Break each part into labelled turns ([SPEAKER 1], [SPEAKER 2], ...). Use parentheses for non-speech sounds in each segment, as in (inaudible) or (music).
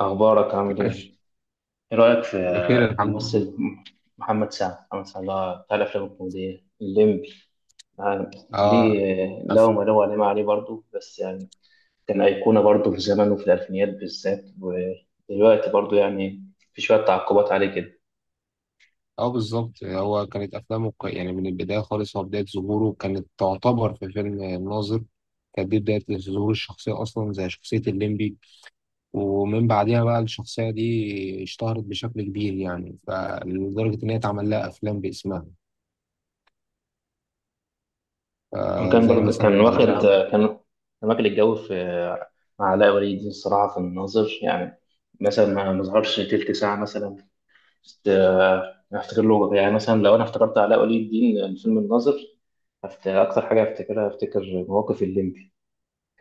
[SPEAKER 1] أخبارك عامل
[SPEAKER 2] ماشي.
[SPEAKER 1] إيه؟ إيه رأيك في
[SPEAKER 2] بخير الحمد لله.
[SPEAKER 1] الممثل محمد سعد؟ محمد سعد اللي هو بتاع الأفلام الكوميدية الليمبي، يعني
[SPEAKER 2] اه.
[SPEAKER 1] ليه
[SPEAKER 2] أف...
[SPEAKER 1] له ما له، عليه ما عليه، برضه بس يعني كان أيقونة برضه في زمنه، في الألفينيات بالذات، ودلوقتي برضه يعني في شوية تعقبات عليه كده.
[SPEAKER 2] اه، بالظبط هو كانت افلامه، يعني من البدايه خالص هو بدايه ظهوره كانت تعتبر في فيلم الناظر. كانت دي بدايه ظهور الشخصيه اصلا، زي شخصيه الليمبي. ومن بعدها بقى الشخصيه دي اشتهرت بشكل كبير، يعني فلدرجه ان هي اتعمل لها افلام باسمها.
[SPEAKER 1] وكان
[SPEAKER 2] فزي
[SPEAKER 1] برضه
[SPEAKER 2] مثلا
[SPEAKER 1] كان
[SPEAKER 2] بعد كده
[SPEAKER 1] واخد
[SPEAKER 2] عمل.
[SPEAKER 1] كان كان واكل الجو في، مع علاء ولي الدين الصراحة، في الناظر يعني. مثلا ما ظهرش تلت ساعة مثلا. است- أنا افتكر له، يعني مثلا لو انا افتكرت علاء ولي الدين فيلم الناظر، اكتر حاجة افتكرها، افتكر مواقف الليمبي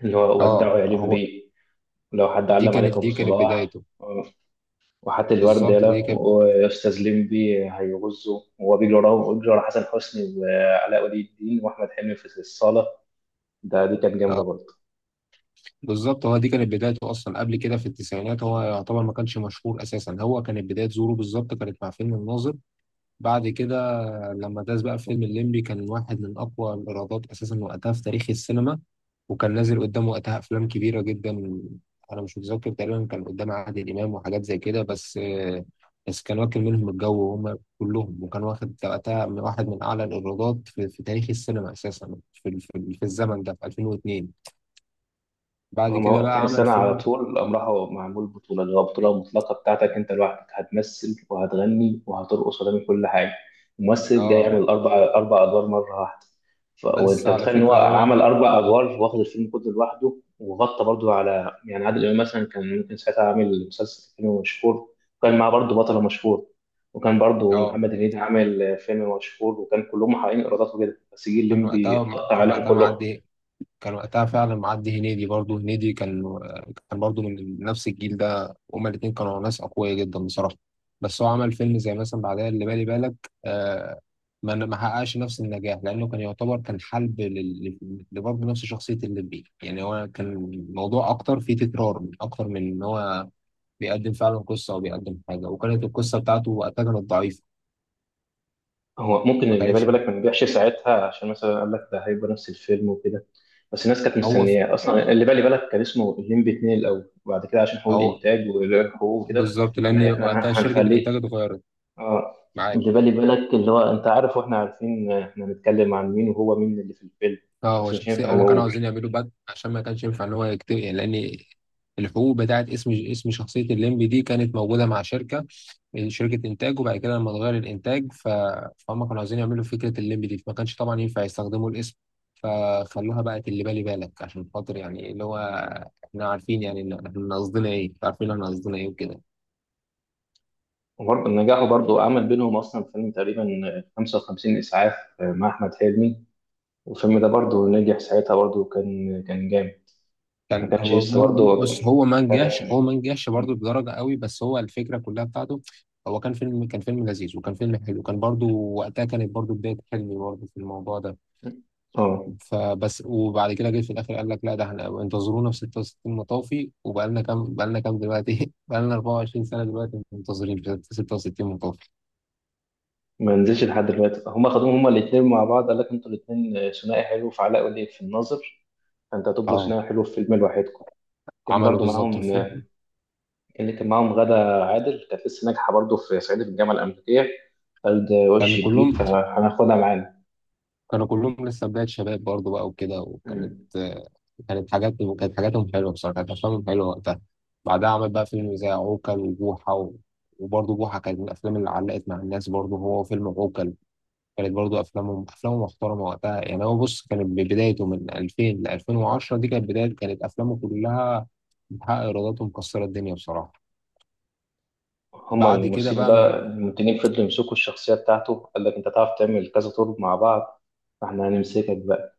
[SPEAKER 1] اللي هو
[SPEAKER 2] اه
[SPEAKER 1] ودعوا يا
[SPEAKER 2] هو
[SPEAKER 1] ليمبي، ولو حد
[SPEAKER 2] دي
[SPEAKER 1] علم عليك
[SPEAKER 2] كانت
[SPEAKER 1] ابو
[SPEAKER 2] دي كانت
[SPEAKER 1] صلاح،
[SPEAKER 2] بدايته.
[SPEAKER 1] وحتى الورد
[SPEAKER 2] بالظبط دي
[SPEAKER 1] يالا
[SPEAKER 2] كانت.
[SPEAKER 1] واستاذ ليمبي هيغزه، وهو بيجري وراه، بيجري ورا حسن حسني وعلاء ولي الدين واحمد حلمي في الصالة. ده دي كانت جامده
[SPEAKER 2] آه،
[SPEAKER 1] برضه.
[SPEAKER 2] بالظبط هو دي كانت بدايته اصلا، قبل كده في التسعينات هو يعتبر ما كانش مشهور اساسا. هو كانت بدايه ظهوره بالظبط كانت مع فيلم الناظر. بعد كده لما داس بقى في فيلم الليمبي، كان واحد من اقوى الايرادات اساسا وقتها في تاريخ السينما. وكان نازل قدامه وقتها افلام كبيره جدا. انا مش متذكر تقريبا، كان قدام عادل امام وحاجات زي كده. بس بس كان واكل منهم الجو وهم كلهم، وكان واخد وقتها من واحد من اعلى الايرادات في تاريخ السينما اساسا، في الزمن ده، في 2002. بعد
[SPEAKER 1] هما هو
[SPEAKER 2] كده بقى
[SPEAKER 1] تاني
[SPEAKER 2] عمل
[SPEAKER 1] سنه على
[SPEAKER 2] فيلم.
[SPEAKER 1] طول قام راحوا معمول بطوله، اللي هو البطوله المطلقه بتاعتك، انت لوحدك هتمثل وهتغني وهترقص وهتعمل كل حاجه. الممثل جاي
[SPEAKER 2] اه
[SPEAKER 1] يعمل اربع ادوار مره واحده.
[SPEAKER 2] بس
[SPEAKER 1] وانت
[SPEAKER 2] على
[SPEAKER 1] بتخيل ان هو
[SPEAKER 2] فكرة هو.
[SPEAKER 1] عمل اربع ادوار، واخد الفيلم كله لوحده، وغطى برضه على يعني عادل امام مثلا، كان ممكن ساعتها عامل مسلسل فيلم مشهور، وكان معاه برضه بطل مشهور، وكان برضه
[SPEAKER 2] اه
[SPEAKER 1] محمد هنيدي عامل فيلم مشهور، وكان كلهم محققين ايرادات وكده، بس جه
[SPEAKER 2] كان
[SPEAKER 1] الليمبي
[SPEAKER 2] وقتها
[SPEAKER 1] قطع
[SPEAKER 2] كان
[SPEAKER 1] عليهم
[SPEAKER 2] وقتها
[SPEAKER 1] كلهم.
[SPEAKER 2] معدي. كان وقتها فعلا معدي هنيدي. برضه هنيدي كان كان برضه من نفس الجيل ده، هما الاتنين كانوا ناس أقوياء جدا بصراحة. بس هو عمل فيلم زي مثلا بعدها اللي بالي بالك. آه ما حققش نفس النجاح، لأنه كان يعتبر كان حلب لبرضه نفس شخصية الليمبي، يعني هو كان الموضوع أكتر فيه تكرار، أكتر من إن هو بيقدم فعلا قصة أو بيقدم حاجة، وكانت القصة بتاعته وقتها كانت ضعيفة.
[SPEAKER 1] هو ممكن
[SPEAKER 2] ما
[SPEAKER 1] اللي بالي
[SPEAKER 2] كانتش.
[SPEAKER 1] بالك ما نبيعش ساعتها عشان مثلا قال لك ده هيبقى نفس الفيلم وكده، بس الناس كانت
[SPEAKER 2] هو
[SPEAKER 1] مستنياه اصلا. اللي بالي بالك كان اسمه الليمبي 2 الاول، وبعد كده عشان حقوق
[SPEAKER 2] هو
[SPEAKER 1] الانتاج والحقوق وكده
[SPEAKER 2] بالظبط،
[SPEAKER 1] قال لك
[SPEAKER 2] لان
[SPEAKER 1] احنا
[SPEAKER 2] وقتها شركه الانتاج
[SPEAKER 1] هنخليه،
[SPEAKER 2] اتغيرت.
[SPEAKER 1] اه،
[SPEAKER 2] معاك.
[SPEAKER 1] اللي بالي بالك، اللي هو انت عارف واحنا عارفين احنا هنتكلم عن مين، وهو مين اللي في الفيلم،
[SPEAKER 2] اه، هو
[SPEAKER 1] بس مش
[SPEAKER 2] شخصيا
[SPEAKER 1] هينفع
[SPEAKER 2] هو كانوا
[SPEAKER 1] نقول.
[SPEAKER 2] عاوزين يعملوا بد عشان ما كانش ينفع ان هو يكتب، يعني لان الحقوق بتاعت اسم شخصيه الليمبي دي كانت موجوده مع شركه، انتاج. وبعد كده لما اتغير الانتاج فهم كانوا عاوزين يعملوا فكره الليمبي دي، فما كانش طبعا ينفع يستخدموا الاسم. فخلوها بقت اللي بالي بالك عشان خاطر يعني اللي هو احنا عارفين، يعني إن احنا قصدنا ايه، عارفين احنا قصدنا ايه وكده.
[SPEAKER 1] وبرضه نجاحه برضه عمل بينهم اصلا فيلم تقريبا 55 اسعاف مع احمد حلمي، والفيلم ده برضه نجح ساعتها، برضه كان جامد. ما
[SPEAKER 2] كان
[SPEAKER 1] كانش
[SPEAKER 2] هو
[SPEAKER 1] لسه برضه.
[SPEAKER 2] بص هو ما نجحش، برضه
[SPEAKER 1] مم.
[SPEAKER 2] بدرجه قوي، بس هو الفكره كلها بتاعته. هو كان فيلم، كان فيلم لذيذ وكان فيلم حلو. كان برضه وقتها كانت برضه بدايه حلمي برضه في الموضوع ده.
[SPEAKER 1] اه،
[SPEAKER 2] فبس. وبعد كده جه في الاخر قال لك: لا، ده احنا انتظرونا في 66 مطافي، وبقالنا كام، بقالنا كام دلوقتي؟ (laughs) بقالنا 24 سنه دلوقتي منتظرين في 66 مطافي.
[SPEAKER 1] ما نزلش لحد دلوقتي. هما خدوهم هما الاثنين مع بعض، قال لك انتوا الاثنين ثنائي حلو في علاء ولي في الناظر، فانت هتبقوا
[SPEAKER 2] اه،
[SPEAKER 1] ثنائي حلو في فيلم لوحدكم. كان
[SPEAKER 2] عملوا
[SPEAKER 1] برضو
[SPEAKER 2] بالظبط
[SPEAKER 1] معاهم.
[SPEAKER 2] الفيلم.
[SPEAKER 1] اللي كان معاهم غادة عادل، كانت لسه ناجحه برضو في صعيدي في الجامعه الامريكيه، قال ده
[SPEAKER 2] كان
[SPEAKER 1] وش
[SPEAKER 2] كلهم
[SPEAKER 1] جديد، فهناخدها معانا.
[SPEAKER 2] كانوا كلهم لسه بداية شباب برضه بقى وكده. وكانت
[SPEAKER 1] مم.
[SPEAKER 2] كانت حاجاتهم حلوة بصراحة، كانت أفلامهم حلوة وقتها. بعدها عمل بقى فيلم زي عوكل وبوحة وبرضه بوحة كانت من الأفلام اللي علقت مع الناس، برضه هو فيلم عوكل. كانت برضه أفلامهم أفلامه محترمة وقتها، يعني هو بص كانت بدايته من 2000 ل 2010، دي كانت بداية. كانت أفلامه كلها بتحقق إيرادات ومكسرة الدنيا بصراحة.
[SPEAKER 1] هما
[SPEAKER 2] بعد كده
[SPEAKER 1] الممثلين
[SPEAKER 2] بقى
[SPEAKER 1] ده
[SPEAKER 2] من.
[SPEAKER 1] المنتجين فضلوا يمسكوا الشخصيه بتاعته، قال لك انت تعرف تعمل كذا طول مع بعض، فاحنا هنمسكك بقى.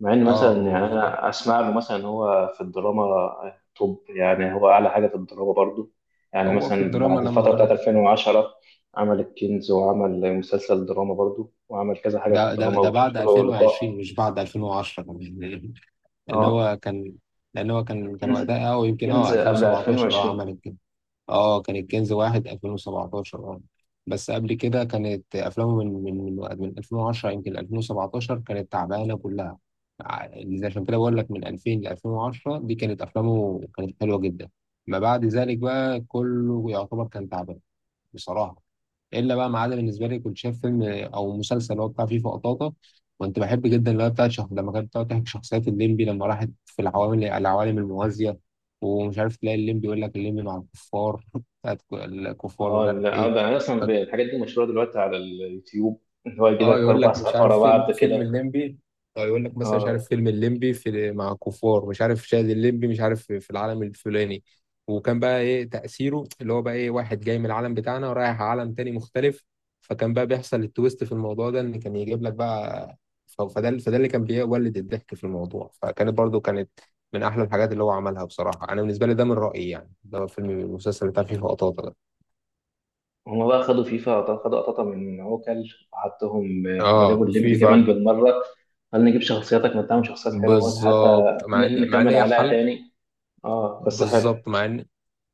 [SPEAKER 1] مع ان
[SPEAKER 2] آه
[SPEAKER 1] مثلا
[SPEAKER 2] هو
[SPEAKER 1] يعني انا اسمع له مثلا إن هو في الدراما توب، يعني هو اعلى حاجه في الدراما برضو. يعني
[SPEAKER 2] هو في
[SPEAKER 1] مثلا
[SPEAKER 2] الدراما
[SPEAKER 1] بعد
[SPEAKER 2] لما
[SPEAKER 1] الفتره بتاعت
[SPEAKER 2] جرب.
[SPEAKER 1] 2010 عمل الكنز وعمل مسلسل دراما برضو، وعمل كذا حاجه في
[SPEAKER 2] ده ده
[SPEAKER 1] الدراما،
[SPEAKER 2] ده بعد
[SPEAKER 1] وشفت له لقاء.
[SPEAKER 2] 2020 مش بعد 2010 كمان. (laughs) لان
[SPEAKER 1] اه،
[SPEAKER 2] هو كان لان هو كان كان
[SPEAKER 1] الكنز،
[SPEAKER 2] وقتها يمكن
[SPEAKER 1] الكنز قبل
[SPEAKER 2] 2017. اه
[SPEAKER 1] 2020.
[SPEAKER 2] عملت كده. اه كان الكنز واحد 2017. اه. بس قبل كده كانت افلامه من 2010 يمكن 2017 كانت تعبانه كلها. اللي عشان كده بقول لك من 2000 ل 2010 دي كانت افلامه كانت حلوه جدا. ما بعد ذلك بقى كله يعتبر كان تعبان بصراحه. الا بقى ما عدا بالنسبه لي كنت شايف فيلم او مسلسل اللي هو بتاع فيفا قطاطا. كنت بحب جدا اللي هو بتاع لما كانت بتقعد تحكي شخصيات الليمبي، لما راحت في العوالم الموازيه، ومش عارف، تلاقي الليمبي يقول لك الليمبي مع الكفار (laughs) بتاعت الكفار مش
[SPEAKER 1] اه،
[SPEAKER 2] عارف
[SPEAKER 1] لا آه،
[SPEAKER 2] ايه.
[SPEAKER 1] ده أنا اصلا الحاجات دي مشهوره دلوقتي على اليوتيوب، اللي هو يجي
[SPEAKER 2] اه،
[SPEAKER 1] لك
[SPEAKER 2] يقول
[SPEAKER 1] اربع
[SPEAKER 2] لك مش
[SPEAKER 1] ساعات ورا
[SPEAKER 2] عارف فيلم
[SPEAKER 1] بعض كده.
[SPEAKER 2] فيلم الليمبي. اه، يقول لك مثلا مش عارف
[SPEAKER 1] اه،
[SPEAKER 2] فيلم الليمبي في مع كفار، مش عارف شاهد الليمبي، مش عارف في العالم الفلاني. وكان بقى ايه تأثيره اللي هو بقى ايه؟ واحد جاي من العالم بتاعنا ورايح عالم تاني مختلف، فكان بقى بيحصل التويست في الموضوع ده، ان كان يجيب لك بقى. فده اللي كان بيولد الضحك في الموضوع. فكانت برضو كانت من احلى الحاجات اللي هو عملها بصراحة، انا بالنسبة لي ده من رأيي يعني، ده فيلم المسلسل بتاع فيه لقطات ده.
[SPEAKER 1] هم بقى خدوا فيفا، خدوا قططه من عوكل، وحطهم آه،
[SPEAKER 2] اه.
[SPEAKER 1] وجابوا الليمبي كمان
[SPEAKER 2] وفيفا
[SPEAKER 1] بالمره. هل نجيب شخصياتك؟ من تعمل شخصيات حلوة حتى
[SPEAKER 2] بالظبط. مع ان مع ان
[SPEAKER 1] نكمل
[SPEAKER 2] هي
[SPEAKER 1] عليها تاني. اه بس حلو.
[SPEAKER 2] بالظبط مع ان.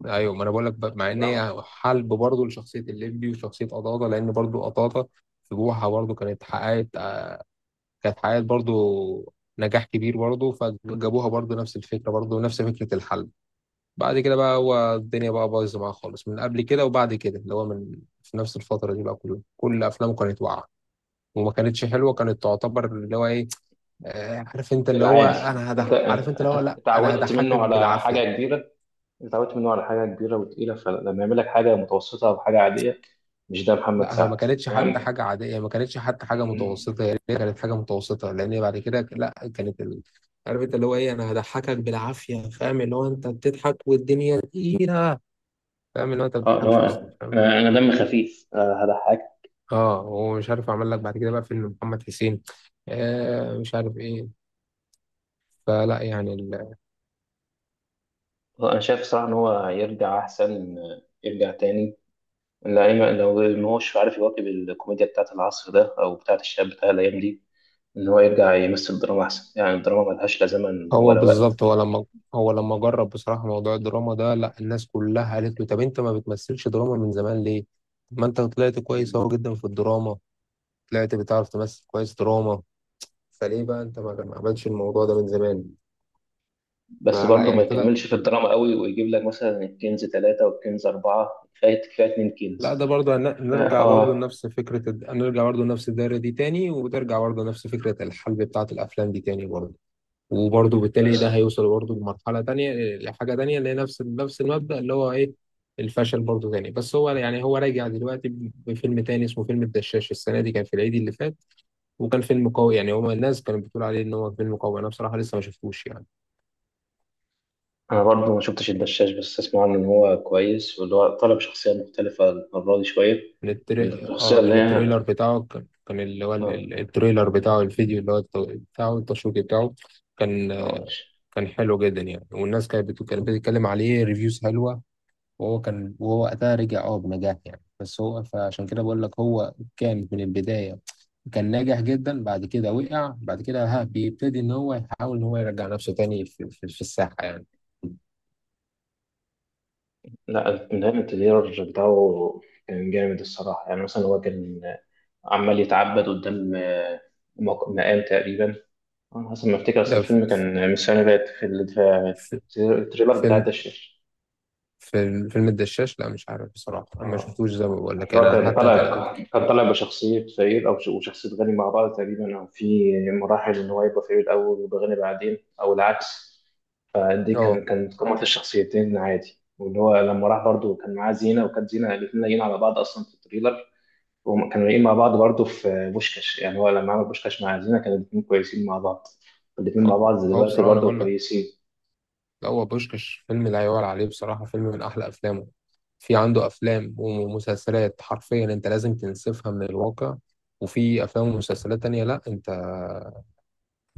[SPEAKER 2] ايوه، ما انا بقول لك، مع ان
[SPEAKER 1] نعم.
[SPEAKER 2] هي حلب برضه لشخصيه الليمبي وشخصيه قطاطه، لان برضه قطاطه في بوحه برضه كانت حققت، برضه نجاح كبير برضه، فجابوها برضه نفس الفكره، برضه نفس فكره الحلب. بعد كده بقى هو الدنيا بقى بايظه معاه خالص من قبل كده. وبعد كده اللي هو من في نفس الفتره دي بقى كلها، كل افلامه كانت واقعه وما كانتش حلوه. كانت تعتبر اللي هو ايه، عارف انت اللي هو
[SPEAKER 1] العادي
[SPEAKER 2] انا
[SPEAKER 1] انت
[SPEAKER 2] هضحك،
[SPEAKER 1] انت
[SPEAKER 2] عارف انت اللي هو لا، انا
[SPEAKER 1] اتعودت
[SPEAKER 2] هضحكك
[SPEAKER 1] منه على
[SPEAKER 2] بالعافيه.
[SPEAKER 1] حاجة كبيرة، اتعودت منه على حاجة كبيرة وتقيلة، فلما يعمل لك حاجة متوسطة أو حاجة عادية، مش ده محمد
[SPEAKER 2] لا، هي
[SPEAKER 1] سعد.
[SPEAKER 2] ما كانتش حتى
[SPEAKER 1] يعني.
[SPEAKER 2] حاجة عادية، ما كانتش حتى حاجة
[SPEAKER 1] مم.
[SPEAKER 2] متوسطة. هي كانت حاجة متوسطة، لأن هي بعد كده لا كانت عارف انت اللي هو ايه، انا هضحكك بالعافية، فاهم؟ اللي هو انت بتضحك والدنيا تقيلة. فاهم اللي هو انت ما
[SPEAKER 1] اه، اللي هو
[SPEAKER 2] بتضحكش اصلا، فاهم؟
[SPEAKER 1] انا، أنا دم خفيف آه، هضحك.
[SPEAKER 2] اه، ومش عارف اعمل لك بعد كده بقى فيلم محمد حسين. مش عارف ايه. فلا يعني
[SPEAKER 1] هو انا شايف صراحه ان هو يرجع احسن آه، يرجع تاني، لأن لو ما هوش عارف يواكب الكوميديا بتاعت العصر ده او بتاعت الشباب بتاع الايام دي، إن هو يرجع يمثل دراما أحسن، يعني الدراما ملهاش لا زمن
[SPEAKER 2] هو
[SPEAKER 1] ولا وقت.
[SPEAKER 2] بالظبط هو لما جرب بصراحة موضوع الدراما ده، لا الناس كلها قالت له: طب انت ما بتمثلش دراما من زمان ليه؟ ما انت طلعت كويس
[SPEAKER 1] مم.
[SPEAKER 2] اهو جدا في الدراما، طلعت بتعرف تمثل كويس دراما. فليه بقى انت ما عملتش الموضوع ده من زمان؟
[SPEAKER 1] بس
[SPEAKER 2] فلا
[SPEAKER 1] برضه ما
[SPEAKER 2] يعني طلع.
[SPEAKER 1] يكملش في الدراما قوي ويجيب لك مثلا الكنز ثلاثة والكنز أربعة، كفاية كفاية اتنين
[SPEAKER 2] لا، ده
[SPEAKER 1] كنز.
[SPEAKER 2] برضه
[SPEAKER 1] ف- آه
[SPEAKER 2] نرجع برضه لنفس الدايرة دي تاني. وترجع برضه لنفس فكرة الحلب بتاعة الأفلام دي تاني برضه. وبرضه بالتالي ده
[SPEAKER 1] بس
[SPEAKER 2] هيوصل برضه لمرحلة تانية لحاجة تانية، اللي هي نفس، المبدأ اللي هو إيه؟ الفشل برضه تاني. بس هو يعني هو راجع دلوقتي بفيلم تاني اسمه فيلم الدشاش. السنة دي كان في العيد اللي فات. وكان فيلم قوي، يعني هو الناس كانت بتقول عليه إن هو فيلم قوي. أنا بصراحة لسه ما شفتوش يعني.
[SPEAKER 1] أنا برضه ما شفتش الدشاش، بس أسمع عنه إن هو كويس، واللي هو طلب شخصية مختلفة المرة دي شوية. الشخصية اللي
[SPEAKER 2] من
[SPEAKER 1] هي
[SPEAKER 2] التريلر بتاعه كان، اللي هو
[SPEAKER 1] آه.
[SPEAKER 2] التريلر بتاعه، الفيديو اللي هو بتاعه التشويق بتاعه، كان،
[SPEAKER 1] آه،
[SPEAKER 2] حلو جدا يعني. والناس كانت بتتكلم عليه ريفيوز حلوة. وهو كان، وهو وقتها رجع بنجاح يعني. بس هو فعشان كده بقول لك هو كان من البداية كان ناجح جدا. بعد كده وقع، بعد كده ها بيبتدي ان هو يحاول ان هو يرجع نفسه تاني في، في الساحة يعني.
[SPEAKER 1] لا النهاية التغيير بتاعه كان جامد الصراحة، يعني مثلا هو كان عمال يتعبد قدام آه، مقام تقريبا. انا حسب ما افتكر اصل
[SPEAKER 2] ده
[SPEAKER 1] الفيلم كان من السنه اللي فاتت في
[SPEAKER 2] في-
[SPEAKER 1] في التريلر بتاع
[SPEAKER 2] فيلم
[SPEAKER 1] الدشاش.
[SPEAKER 2] الدشاش. لا مش عارف بصراحة، أنا ما
[SPEAKER 1] اه،
[SPEAKER 2] شفتوش زي ما بقول لك
[SPEAKER 1] اللي
[SPEAKER 2] يعني.
[SPEAKER 1] هو
[SPEAKER 2] أنا
[SPEAKER 1] كان
[SPEAKER 2] حتى كان.
[SPEAKER 1] طالع، كان طالع بشخصيه فقير او وشخصيه غني مع بعض تقريبا، او في مراحل ان هو يبقى فقير الاول ويبقى غني بعدين او العكس. دي
[SPEAKER 2] اه،
[SPEAKER 1] كان قمة الشخصيتين عادي، واللي هو لما راح برضه كان معاه زينة، وكانت زينة الاتنين لاقيين على بعض أصلا في التريلر، وكانوا لاقيين مع بعض برضه في بوشكاش. يعني هو لما عمل بوشكاش مع زينة كانوا الاتنين كويسين مع بعض، الاتنين مع بعض
[SPEAKER 2] هو
[SPEAKER 1] دلوقتي
[SPEAKER 2] بصراحة أنا
[SPEAKER 1] برضه
[SPEAKER 2] بقول لك
[SPEAKER 1] كويسين.
[SPEAKER 2] لا، هو بوشكش فيلم لا يعلى عليه بصراحة، فيلم من أحلى أفلامه. في عنده أفلام ومسلسلات حرفيا أنت لازم تنسفها من الواقع، وفي أفلام ومسلسلات تانية لا أنت،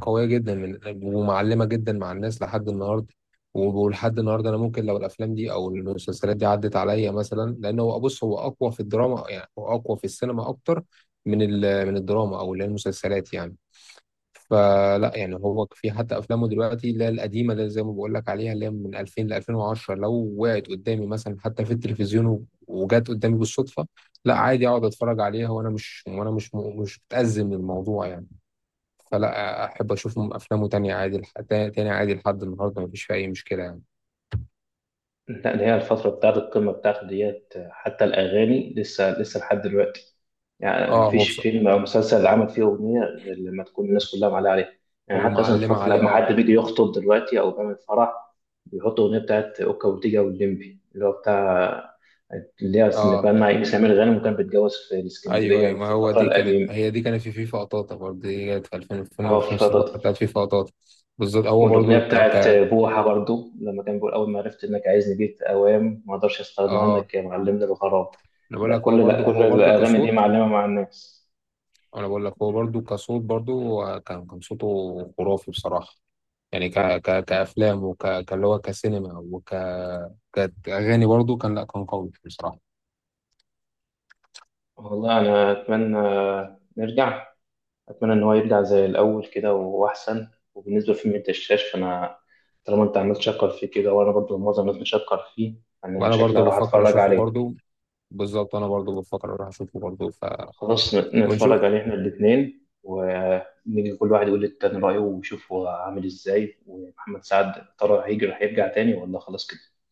[SPEAKER 2] قوية جدا من، ومعلمة جدا مع الناس لحد النهاردة. ولحد النهاردة أنا ممكن لو الأفلام دي أو المسلسلات دي عدت عليا مثلا، لأن هو بص هو أقوى في الدراما، يعني هو أقوى في السينما أكتر من الدراما أو اللي هي المسلسلات يعني. فلا يعني هو في حتى افلامه دلوقتي اللي هي القديمه اللي زي ما بقول لك عليها اللي هي من 2000 ل 2010، لو وقعت قدامي مثلا حتى في التلفزيون وجت قدامي بالصدفه، لا عادي اقعد اتفرج عليها وانا مش، مش متأزم من الموضوع يعني. فلا احب اشوف افلامه تاني عادي، تاني عادي لحد النهارده، مفيش فيها اي مشكله يعني.
[SPEAKER 1] لا اللي هي الفترة بتاعت القمة بتاعته ديت حتى الأغاني لسه لسه لحد دلوقتي، يعني
[SPEAKER 2] اه، هو بص
[SPEAKER 1] مفيش فيلم أو مسلسل عمل فيه أغنية غير لما تكون الناس كلها معلقة عليها. يعني حتى مثلا
[SPEAKER 2] ومعلمه
[SPEAKER 1] الفترة
[SPEAKER 2] عليه.
[SPEAKER 1] لما
[SPEAKER 2] اه.
[SPEAKER 1] حد بيجي يخطب دلوقتي أو بيعمل فرح، بيحط أغنية بتاعت أوكا وتيجا والليمبي اللي هو بتاع، اللي هي اللي
[SPEAKER 2] اه،
[SPEAKER 1] كان مع إيمي سمير غانم، وكان بيتجوز في
[SPEAKER 2] ايوه
[SPEAKER 1] الإسكندرية،
[SPEAKER 2] ايوه،
[SPEAKER 1] في
[SPEAKER 2] ما هو
[SPEAKER 1] الفترة القديمة.
[SPEAKER 2] دي كانت في فيفا قطاطا برضه، دي كانت في 2000،
[SPEAKER 1] أه
[SPEAKER 2] في
[SPEAKER 1] في
[SPEAKER 2] نفس الفتره
[SPEAKER 1] فترة.
[SPEAKER 2] بتاعت فيفا قطاطا. بالظبط هو
[SPEAKER 1] والأغنية
[SPEAKER 2] برضه.
[SPEAKER 1] بتاعت بوحة برضو لما كان بيقول أول ما عرفت إنك عايزني جيت أوام، ما أقدرش أستغنى
[SPEAKER 2] اه،
[SPEAKER 1] عنك يا معلمنا الغرام.
[SPEAKER 2] انا بقول
[SPEAKER 1] لا
[SPEAKER 2] لك هو
[SPEAKER 1] كل لا
[SPEAKER 2] برضو،
[SPEAKER 1] كل
[SPEAKER 2] هو برضو
[SPEAKER 1] الأغاني دي
[SPEAKER 2] كصوت.
[SPEAKER 1] معلمة مع الناس.
[SPEAKER 2] انا بقول لك هو
[SPEAKER 1] مم.
[SPEAKER 2] برضو كصوت. برضو هو كان، صوته خرافي بصراحة. يعني ك ك كأفلام كاللي هو كسينما كأغاني برضو، كان لا كان قوي بصراحة.
[SPEAKER 1] والله أنا أتمنى نرجع، أتمنى إن هو يرجع زي الأول كده وأحسن. وبالنسبة لفيلم أنت الشاش، فأنا طالما أنت عمال تشكر فيه كده، وأنا برضو معظم الناس بتشكر فيه، أنا
[SPEAKER 2] وانا
[SPEAKER 1] شكلي
[SPEAKER 2] برضو
[SPEAKER 1] هروح
[SPEAKER 2] بفكر
[SPEAKER 1] أتفرج
[SPEAKER 2] اشوفه
[SPEAKER 1] عليه.
[SPEAKER 2] برضو. بالظبط انا برضو بفكر اروح اشوفه برضو ف.
[SPEAKER 1] خلاص
[SPEAKER 2] ونشوف
[SPEAKER 1] نتفرج عليه احنا الاثنين، ونيجي كل واحد يقول للتاني رأيه، ويشوف هو عامل ازاي، ومحمد سعد يا ترى هيجي هيرجع تاني ولا خلاص كده.